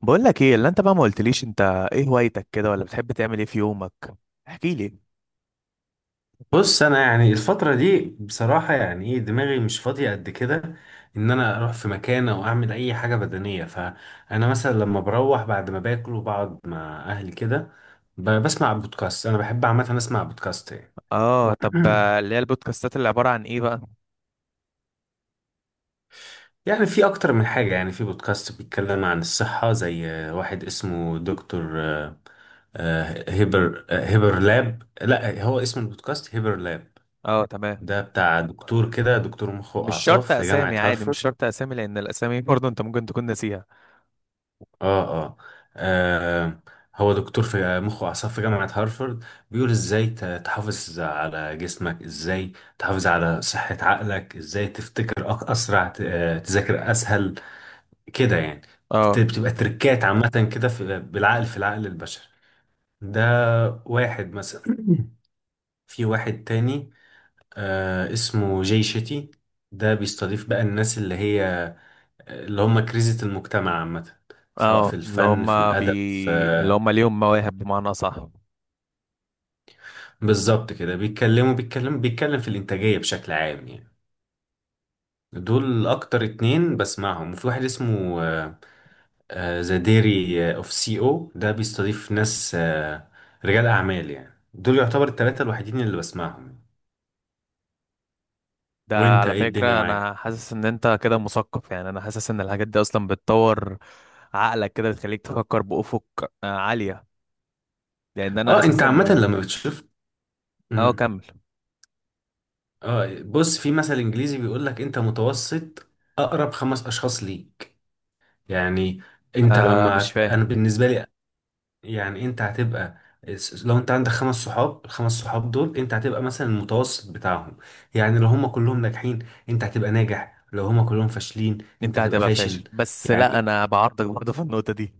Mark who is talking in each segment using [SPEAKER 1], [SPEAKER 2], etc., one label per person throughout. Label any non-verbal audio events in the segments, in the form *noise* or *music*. [SPEAKER 1] بقول لك ايه اللي انت بقى، ما قلتليش انت ايه هوايتك كده، ولا بتحب تعمل ايه في يومك؟ احكي لي.
[SPEAKER 2] بص، انا يعني الفتره دي بصراحه يعني دماغي مش فاضيه قد كده ان انا اروح في مكان او اعمل اي حاجه بدنيه. فانا مثلا لما بروح بعد ما باكل وبقعد مع اهلي كده بسمع بودكاست. انا بحب عامه اسمع بودكاست يعني.
[SPEAKER 1] اه، طب اللي
[SPEAKER 2] *clears throat*
[SPEAKER 1] هي البودكاستات اللي عبارة عن ايه بقى؟
[SPEAKER 2] يعني في اكتر من حاجه، يعني في بودكاست بيتكلم عن الصحه، زي واحد اسمه دكتور هيبر هيبر لاب. لا، هو اسم البودكاست هيبر لاب.
[SPEAKER 1] اه، تمام.
[SPEAKER 2] ده بتاع دكتور كده، دكتور مخ
[SPEAKER 1] مش
[SPEAKER 2] واعصاب
[SPEAKER 1] شرط
[SPEAKER 2] في جامعه
[SPEAKER 1] اسامي، عادي،
[SPEAKER 2] هارفارد.
[SPEAKER 1] مش شرط اسامي لان الاسامي *laughs* برضه انت ممكن تكون ناسيها.
[SPEAKER 2] اه اه. آه، هو دكتور في مخ واعصاب في جامعة هارفارد. بيقول ازاي تحافظ على جسمك، ازاي تحافظ على صحة عقلك، ازاي تفتكر اسرع، تذاكر اسهل كده يعني.
[SPEAKER 1] اه،
[SPEAKER 2] بتبقى تركات عامة كده في العقل البشري ده. واحد مثلا. *clears throat* في واحد تاني آه اسمه جاي شيتي. ده بيستضيف بقى الناس اللي هي، اللي هم كريزة المجتمع عامة، سواء في
[SPEAKER 1] اه،
[SPEAKER 2] الفن في الأدب.
[SPEAKER 1] اللي هم ليهم مواهب، بمعنى، صح.
[SPEAKER 2] بالظبط كده بيتكلم في الإنتاجية بشكل عام يعني. دول أكتر اتنين بسمعهم. وفي واحد اسمه ذا ديري اوف سي او، ده بيستضيف ناس رجال أعمال يعني. دول يعتبر التلاتة الوحيدين اللي بسمعهم.
[SPEAKER 1] ده
[SPEAKER 2] وانت
[SPEAKER 1] على
[SPEAKER 2] ايه الدنيا
[SPEAKER 1] فكرة أنا
[SPEAKER 2] معاك؟
[SPEAKER 1] حاسس إن أنت كده مثقف، يعني أنا حاسس إن الحاجات دي أصلا بتطور عقلك كده، بتخليك تفكر بأفق عالية. لأن أنا
[SPEAKER 2] اه انت
[SPEAKER 1] أساسا...
[SPEAKER 2] عامة لما بتشوف.
[SPEAKER 1] أه،
[SPEAKER 2] مم.
[SPEAKER 1] كمل.
[SPEAKER 2] اه بص، في مثل انجليزي بيقول لك انت متوسط اقرب خمس اشخاص ليك، يعني انت
[SPEAKER 1] مش
[SPEAKER 2] لما، انا
[SPEAKER 1] فاهم.
[SPEAKER 2] بالنسبه لي يعني، انت هتبقى، لو انت عندك خمس صحاب، الخمس صحاب دول انت هتبقى مثلا المتوسط بتاعهم. يعني لو هم كلهم ناجحين انت هتبقى ناجح، لو هم كلهم فاشلين انت
[SPEAKER 1] أنت
[SPEAKER 2] هتبقى
[SPEAKER 1] هتبقى
[SPEAKER 2] فاشل.
[SPEAKER 1] فاشل، بس لا،
[SPEAKER 2] يعني
[SPEAKER 1] أنا بعارضك برضه في النقطة دي.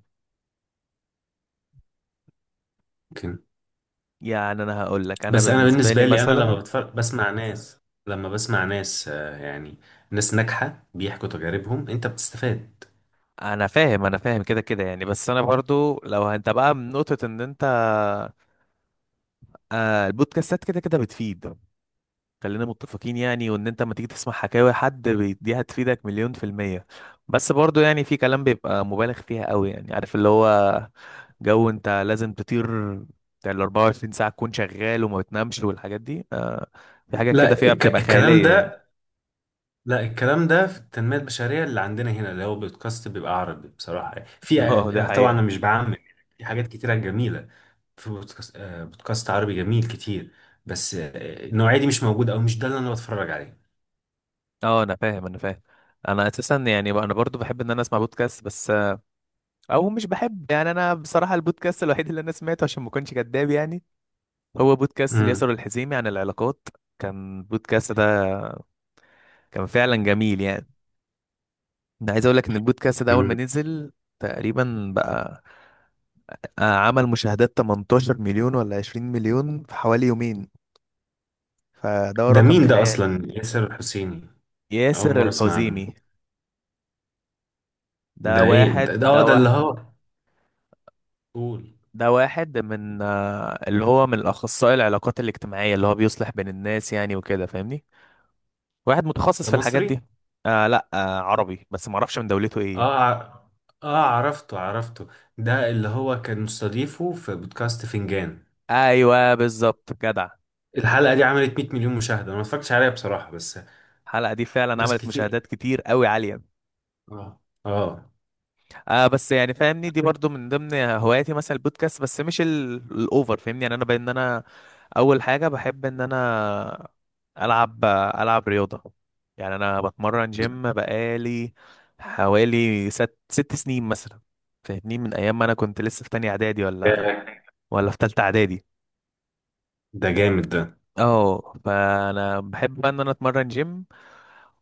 [SPEAKER 2] ممكن.
[SPEAKER 1] يعني أنا هقول لك، أنا
[SPEAKER 2] بس انا
[SPEAKER 1] بالنسبة لي
[SPEAKER 2] بالنسبة لي انا لما
[SPEAKER 1] مثلا.
[SPEAKER 2] بتفرج، بسمع ناس، لما بسمع ناس يعني ناس ناجحة بيحكوا تجاربهم انت بتستفاد.
[SPEAKER 1] أنا فاهم أنا فاهم كده كده، يعني بس أنا برضه لو أنت بقى من نقطة إن أنت... البودكاستات كده كده بتفيد. خلينا متفقين يعني، وان انت لما تيجي تسمع حكاوي حد دي هتفيدك مليون في المية. بس برضو يعني في كلام بيبقى مبالغ فيها قوي، يعني عارف اللي هو، جو انت لازم تطير، بتاع ال 24 ساعة تكون شغال وما بتنامش والحاجات دي، في حاجات كده
[SPEAKER 2] لا
[SPEAKER 1] فيها
[SPEAKER 2] الك-
[SPEAKER 1] بتبقى
[SPEAKER 2] الكلام
[SPEAKER 1] خيالية يعني.
[SPEAKER 2] ده لا، الكلام ده في التنمية البشرية اللي عندنا هنا، اللي هو بودكاست بيبقى عربي بصراحة، في
[SPEAKER 1] *laughs* اه، دي
[SPEAKER 2] طبعا انا
[SPEAKER 1] حقيقة.
[SPEAKER 2] مش بعمم، في حاجات كتيرة جميلة، في بودكاست بودكاست عربي جميل كتير. بس النوعية دي مش موجودة، او مش ده اللي انا بتفرج عليه.
[SPEAKER 1] اه، انا فاهم انا فاهم. انا اساسا يعني انا برضو بحب ان انا اسمع بودكاست، بس او مش بحب، يعني انا بصراحة البودكاست الوحيد اللي انا سمعته عشان ما اكونش كداب، يعني هو بودكاست اليسار
[SPEAKER 2] امم.
[SPEAKER 1] الحزيمي عن العلاقات. كان البودكاست ده، كان فعلا جميل يعني. انا عايز اقول لك ان البودكاست ده اول ما
[SPEAKER 2] أمم.
[SPEAKER 1] نزل، تقريبا بقى، عمل مشاهدات 18 مليون ولا 20 مليون في حوالي يومين، فده
[SPEAKER 2] ده
[SPEAKER 1] رقم
[SPEAKER 2] مين ده
[SPEAKER 1] خيالي.
[SPEAKER 2] اصلا، ياسر الحسيني؟ اول
[SPEAKER 1] ياسر
[SPEAKER 2] مرة اسمع عنه.
[SPEAKER 1] الحزيمي. ده
[SPEAKER 2] ده ايه ده
[SPEAKER 1] واحد
[SPEAKER 2] اه
[SPEAKER 1] ده
[SPEAKER 2] ده اللي
[SPEAKER 1] واحد
[SPEAKER 2] هو، قول.
[SPEAKER 1] ده واحد من اللي هو من الاخصائي العلاقات الاجتماعية، اللي هو بيصلح بين الناس يعني، وكده فاهمني. واحد متخصص
[SPEAKER 2] ده
[SPEAKER 1] في الحاجات
[SPEAKER 2] مصري؟
[SPEAKER 1] دي. لا، عربي، بس ما اعرفش من دولته ايه يعني.
[SPEAKER 2] اه ع- اه عرفته عرفته. ده اللي هو كان مستضيفه في بودكاست فنجان.
[SPEAKER 1] ايوه بالظبط، جدع.
[SPEAKER 2] الحلقة دي عملت 100 مليون مشاهدة، انا ما اتفرجتش عليها بصراحة، بس
[SPEAKER 1] الحلقه دي فعلا
[SPEAKER 2] ناس
[SPEAKER 1] عملت
[SPEAKER 2] كتير.
[SPEAKER 1] مشاهدات كتير قوي، عاليه.
[SPEAKER 2] اه اه.
[SPEAKER 1] بس يعني فاهمني، دي برضو من ضمن هواياتي مثلا البودكاست، بس مش الاوفر فاهمني، يعني انا. اول حاجه بحب ان انا العب العب رياضه. يعني انا بتمرن جيم بقالي حوالي ست ست سنين مثلا. فاهمني من ايام ما انا كنت لسه في تانية اعدادي
[SPEAKER 2] ده
[SPEAKER 1] ولا، في تالتة اعدادي.
[SPEAKER 2] ده جامد ده.
[SPEAKER 1] اه، فانا بحب بقى ان انا اتمرن جيم،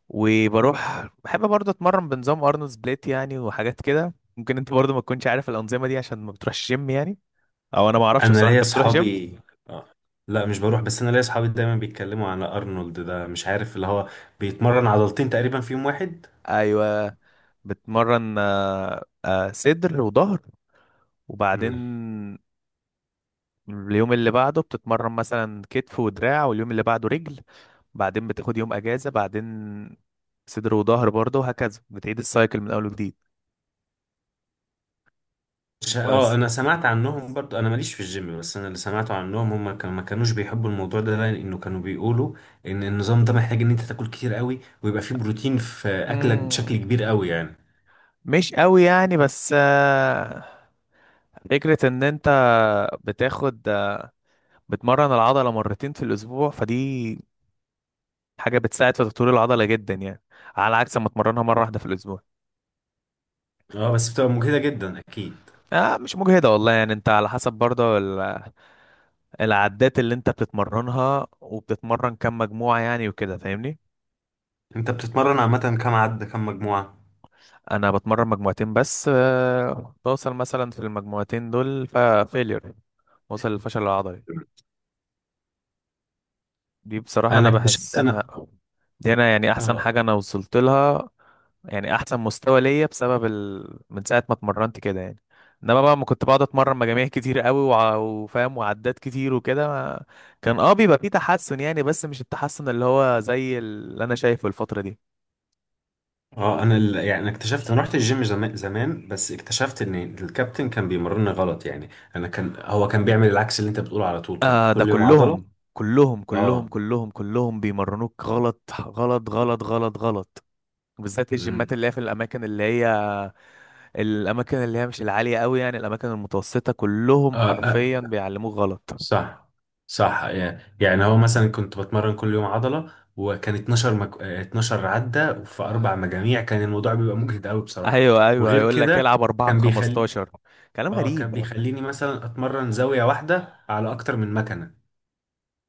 [SPEAKER 1] وبروح بحب برضه اتمرن بنظام ارنولد سبليت، يعني وحاجات كده ممكن انت برضه ما تكونش عارف الانظمه دي عشان ما بتروحش جيم يعني، او انا ما اعرفش
[SPEAKER 2] انا
[SPEAKER 1] بصراحه،
[SPEAKER 2] ليا
[SPEAKER 1] انت بتروح جيم؟
[SPEAKER 2] اصحابي. آه. لا مش بروح، بس انا ليا اصحابي دايما بيتكلموا على ارنولد ده، مش عارف اللي هو بيتمرن عضلتين تقريبا في يوم واحد.
[SPEAKER 1] ايوه، بتمرن صدر وظهر، وبعدين
[SPEAKER 2] مم.
[SPEAKER 1] اليوم اللي بعده بتتمرن مثلا كتف ودراع، واليوم اللي بعده رجل، بعدين بتاخد يوم اجازه، بعدين صدر وظهر برضه، وهكذا بتعيد السايكل من اول وجديد.
[SPEAKER 2] مش اه
[SPEAKER 1] بس
[SPEAKER 2] انا سمعت عنهم برضو، انا ماليش في الجيم، بس انا اللي سمعته عنهم هم كانوا ما كانوش بيحبوا الموضوع ده، لانه كانوا بيقولوا ان النظام ده محتاج ان انت تاكل كتير قوي ويبقى فيه بروتين في اكلك
[SPEAKER 1] مم.
[SPEAKER 2] بشكل كبير قوي يعني.
[SPEAKER 1] مش قوي يعني، بس فكرة ان انت بتاخد آه، بتمرن العضلة مرتين في الاسبوع، فدي حاجة بتساعد في تطوير العضلة جدا يعني، على عكس ما تمرنها مرة واحدة في الاسبوع.
[SPEAKER 2] اه بس بتبقى مجهدة جدا اكيد.
[SPEAKER 1] مش مجهدة والله يعني، انت على حسب برضه العدات اللي انت بتتمرنها، وبتتمرن كم مجموعة يعني، وكده فاهمني.
[SPEAKER 2] انت بتتمرن عامة كام عدة كام مجموعة؟
[SPEAKER 1] انا بتمرن مجموعتين بس، بوصل مثلا في المجموعتين دول ففيلير، وصل للفشل العضلي. دي بصراحة
[SPEAKER 2] انا
[SPEAKER 1] أنا
[SPEAKER 2] اكتشفت
[SPEAKER 1] بحسها،
[SPEAKER 2] انا
[SPEAKER 1] دي أنا يعني أحسن
[SPEAKER 2] اه
[SPEAKER 1] حاجة أنا وصلت لها. يعني أحسن مستوى ليا بسبب من ساعة ما اتمرنت كده يعني. إنما بقى ما كنت بقعد أتمرن مجاميع كتير قوي وفاهم، وعدات كتير وكده ما... كان بيبقى فيه تحسن يعني، بس مش التحسن اللي هو زي اللي أنا شايفه الفترة دي.
[SPEAKER 2] اه انا ال... يعني انا اكتشفت، انا رحت الجيم زمان زمان، بس اكتشفت ان الكابتن كان بيمرني غلط يعني. انا كان هو كان بيعمل العكس اللي انت بتقوله، على طول كانت
[SPEAKER 1] ده
[SPEAKER 2] كل يوم عضلة.
[SPEAKER 1] كلهم كلهم كلهم
[SPEAKER 2] اه.
[SPEAKER 1] كلهم كلهم بيمرنوك غلط غلط غلط غلط غلط. بالذات
[SPEAKER 2] امم.
[SPEAKER 1] الجيمات اللي هي في الاماكن اللي هي مش العاليه قوي، يعني الاماكن المتوسطه كلهم
[SPEAKER 2] آه, آه.
[SPEAKER 1] حرفيا بيعلموك غلط.
[SPEAKER 2] صح. صح. يعني يعني هو مثلا كنت بتمرن كل يوم عضلة، وكان 12 مك... آه، 12 عدة في اربع مجاميع، كان الموضوع بيبقى مجهد قوي بصراحة.
[SPEAKER 1] ايوه، ايوه،
[SPEAKER 2] وغير
[SPEAKER 1] يقول لك
[SPEAKER 2] كده
[SPEAKER 1] العب 4 ب
[SPEAKER 2] كان بيخلي
[SPEAKER 1] 15، كلام
[SPEAKER 2] اه كان
[SPEAKER 1] غريب.
[SPEAKER 2] بيخليني مثلا اتمرن زاوية واحدة على اكتر من مكنة،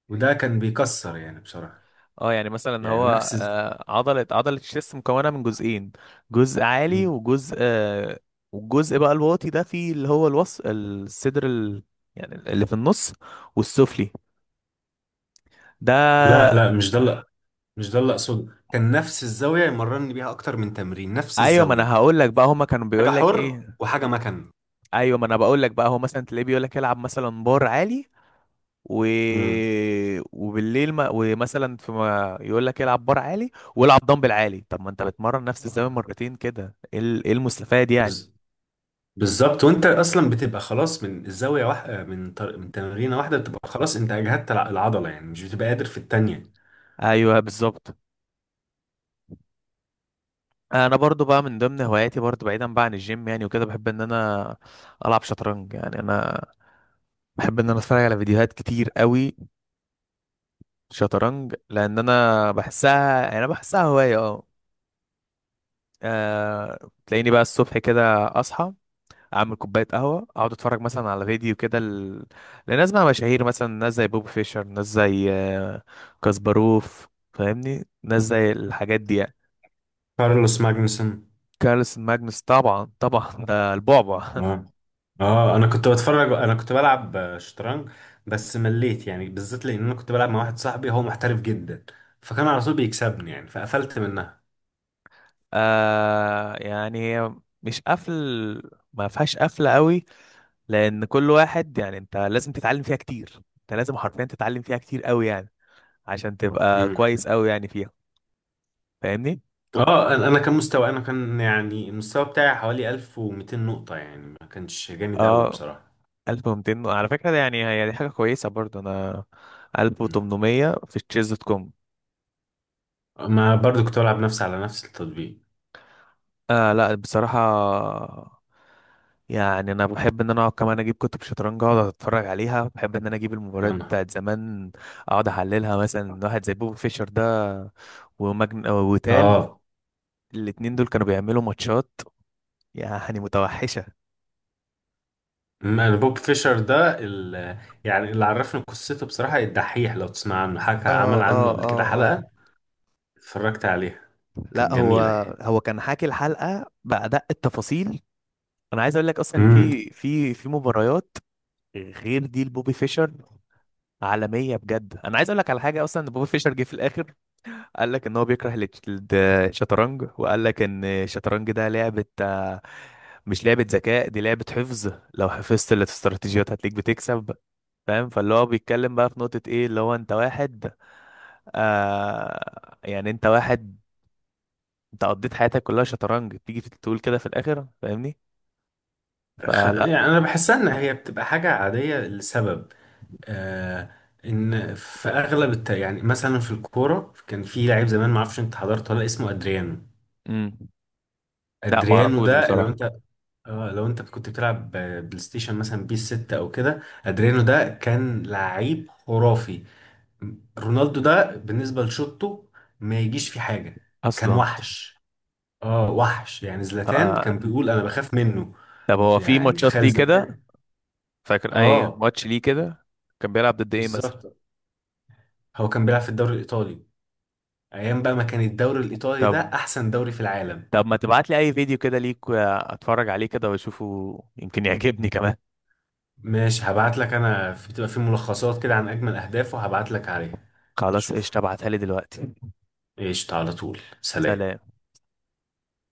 [SPEAKER 2] وده كان بيكسر يعني بصراحة.
[SPEAKER 1] اه، يعني مثلا
[SPEAKER 2] يعني
[SPEAKER 1] هو
[SPEAKER 2] نفس
[SPEAKER 1] عضله الشيست مكونه من جزئين، جزء عالي،
[SPEAKER 2] مم.
[SPEAKER 1] وجزء والجزء بقى الواطي ده فيه اللي هو الصدر يعني اللي في النص والسفلي
[SPEAKER 2] لا
[SPEAKER 1] ده.
[SPEAKER 2] لا مش ده اللي اقصده، كان نفس الزاويه يمرني بيها اكتر من تمرين، نفس
[SPEAKER 1] ايوه، ما انا
[SPEAKER 2] الزاويه،
[SPEAKER 1] هقول لك بقى هما كانوا
[SPEAKER 2] حاجه
[SPEAKER 1] بيقول لك
[SPEAKER 2] حر
[SPEAKER 1] ايه.
[SPEAKER 2] وحاجه مكن.
[SPEAKER 1] ايوه، ما انا بقول لك بقى هو مثلا تلاقيه بيقول لك العب مثلا بار عالي، و...
[SPEAKER 2] امم.
[SPEAKER 1] وبالليل ما... ومثلا في ما يقول لك العب بار عالي والعب دمبل عالي. طب ما انت بتمرن نفس الزمان مرتين كده، ايه إيه المستفاد يعني؟
[SPEAKER 2] بالظبط. وانت اصلا بتبقى خلاص من الزاويه واحده، من تمرينه واحده بتبقى خلاص، انت اجهدت العضله يعني، مش بتبقى قادر في التانيه.
[SPEAKER 1] ايوه بالظبط. انا برضو بقى من ضمن هواياتي، برضو بعيدا بقى عن الجيم يعني وكده، بحب ان انا العب شطرنج، يعني انا بحب ان انا اتفرج على فيديوهات كتير قوي شطرنج، لان انا بحسها يعني، انا بحسها هوايه، اه. تلاقيني بقى الصبح كده اصحى، اعمل كوبايه قهوه، اقعد اتفرج مثلا على فيديو كده لناس بقى مشاهير، مثلا ناس زي بوب فيشر، ناس زي كاسباروف فاهمني، ناس زي الحاجات دي يعني.
[SPEAKER 2] كارلوس ماجنسون.
[SPEAKER 1] كارلسن ماجنس، طبعا طبعا ده البعبع.
[SPEAKER 2] اه. اه انا كنت بتفرج، انا كنت بلعب شطرنج، بس مليت يعني، بالذات لان انا كنت بلعب مع واحد صاحبي هو محترف جدا، فكان على طول بيكسبني يعني، فقفلت منها.
[SPEAKER 1] *laughs* يعني هي، مش قفل، ما فيهاش قفله قوي، لان كل واحد يعني انت لازم تتعلم فيها كتير، انت لازم حرفيا تتعلم فيها كتير قوي يعني عشان تبقى كويس قوي يعني فيها، فاهمني.
[SPEAKER 2] اه انا أنا كان مستوى انا كان يعني المستوى بتاعي حوالي 1200 نقطة يعني، ما كانش جامد قوي
[SPEAKER 1] اه،
[SPEAKER 2] بصراحة.
[SPEAKER 1] 1200 على فكرة ده، يعني هي دي حاجة كويسة، برضه أنا
[SPEAKER 2] مم.
[SPEAKER 1] 1800 في تشيز دوت كوم.
[SPEAKER 2] ما برضو كنت بلعب نفسي على نفس التطبيق.
[SPEAKER 1] لا بصراحة، يعني أنا بحب إن أنا أقعد كمان أجيب كتب شطرنج، أقعد أتفرج عليها، بحب إن أنا أجيب المباريات
[SPEAKER 2] انا
[SPEAKER 1] بتاعت زمان أقعد أحللها، مثلا واحد زي بوب فيشر ده، ومجن وتال،
[SPEAKER 2] اه
[SPEAKER 1] الاتنين دول كانوا بيعملوا ماتشات، يعني متوحشة.
[SPEAKER 2] أما انا بوب فيشر ده يعني اللي عرفني قصته بصراحة الدحيح، لو تسمع عنه، حكى
[SPEAKER 1] اه،
[SPEAKER 2] عمل
[SPEAKER 1] اه،
[SPEAKER 2] عنه قبل
[SPEAKER 1] اه،
[SPEAKER 2] كده
[SPEAKER 1] اه.
[SPEAKER 2] حلقة، اتفرجت عليها،
[SPEAKER 1] لا،
[SPEAKER 2] كانت
[SPEAKER 1] هو
[SPEAKER 2] جميلة يعني.
[SPEAKER 1] هو كان حاكي الحلقة بأدق التفاصيل. انا عايز اقول لك اصلا ان
[SPEAKER 2] امم.
[SPEAKER 1] في مباريات غير دي لبوبي فيشر، عالميه بجد. انا عايز اقول لك على حاجه، اصلا ان بوبي فيشر جه في الاخر قال لك ان هو بيكره الشطرنج، وقال لك ان الشطرنج ده لعبه، مش لعبه ذكاء، دي لعبه حفظ، لو حفظت الاستراتيجيات هتلاقيك بتكسب. فاهم، فاللي هو بيتكلم بقى في نقطه ايه، اللي هو انت واحد، يعني انت واحد، انت قضيت حياتك كلها شطرنج تيجي تقول كده في الاخر؟ فاهمني، فلا.
[SPEAKER 2] يعني انا بحسها ان هي بتبقى حاجة عادية لسبب، آه، ان في اغلب يعني مثلا في الكوره كان في لعيب زمان، ما اعرفش انت حضرته ولا، اسمه ادريانو.
[SPEAKER 1] امم. لا ما
[SPEAKER 2] ادريانو
[SPEAKER 1] اعرفوش
[SPEAKER 2] ده لو
[SPEAKER 1] بصراحه
[SPEAKER 2] انت اه لو انت كنت بتلعب بلاي ستيشن مثلا بيس 6 او كده، ادريانو ده كان لعيب خرافي، رونالدو ده بالنسبه لشوطه ما يجيش في حاجه، كان
[SPEAKER 1] اصلا
[SPEAKER 2] وحش. اه وحش يعني، زلاتان
[SPEAKER 1] آه.
[SPEAKER 2] كان بيقول انا بخاف منه.
[SPEAKER 1] طب هو في
[SPEAKER 2] يعني
[SPEAKER 1] ماتشات
[SPEAKER 2] تخيل
[SPEAKER 1] ليه كده؟
[SPEAKER 2] زلاتان.
[SPEAKER 1] فاكر اي
[SPEAKER 2] اه
[SPEAKER 1] ماتش ليه كده؟ كان بيلعب ضد ايه مثلا؟
[SPEAKER 2] بالظبط. هو كان بيلعب في الدوري الايطالي، ايام بقى ما كان الدوري الايطالي
[SPEAKER 1] طب
[SPEAKER 2] ده احسن دوري في العالم.
[SPEAKER 1] طب ما تبعت لي اي فيديو كده ليك، اتفرج عليه كده واشوفه يمكن يعجبني كمان.
[SPEAKER 2] ماشي هبعت لك، انا في بتبقى في ملخصات كده عن اجمل اهدافه هبعت لك عليها
[SPEAKER 1] خلاص
[SPEAKER 2] تشوفه.
[SPEAKER 1] قشطة، ابعتها لي دلوقتي.
[SPEAKER 2] قشطة، على طول، سلام.
[SPEAKER 1] سلام.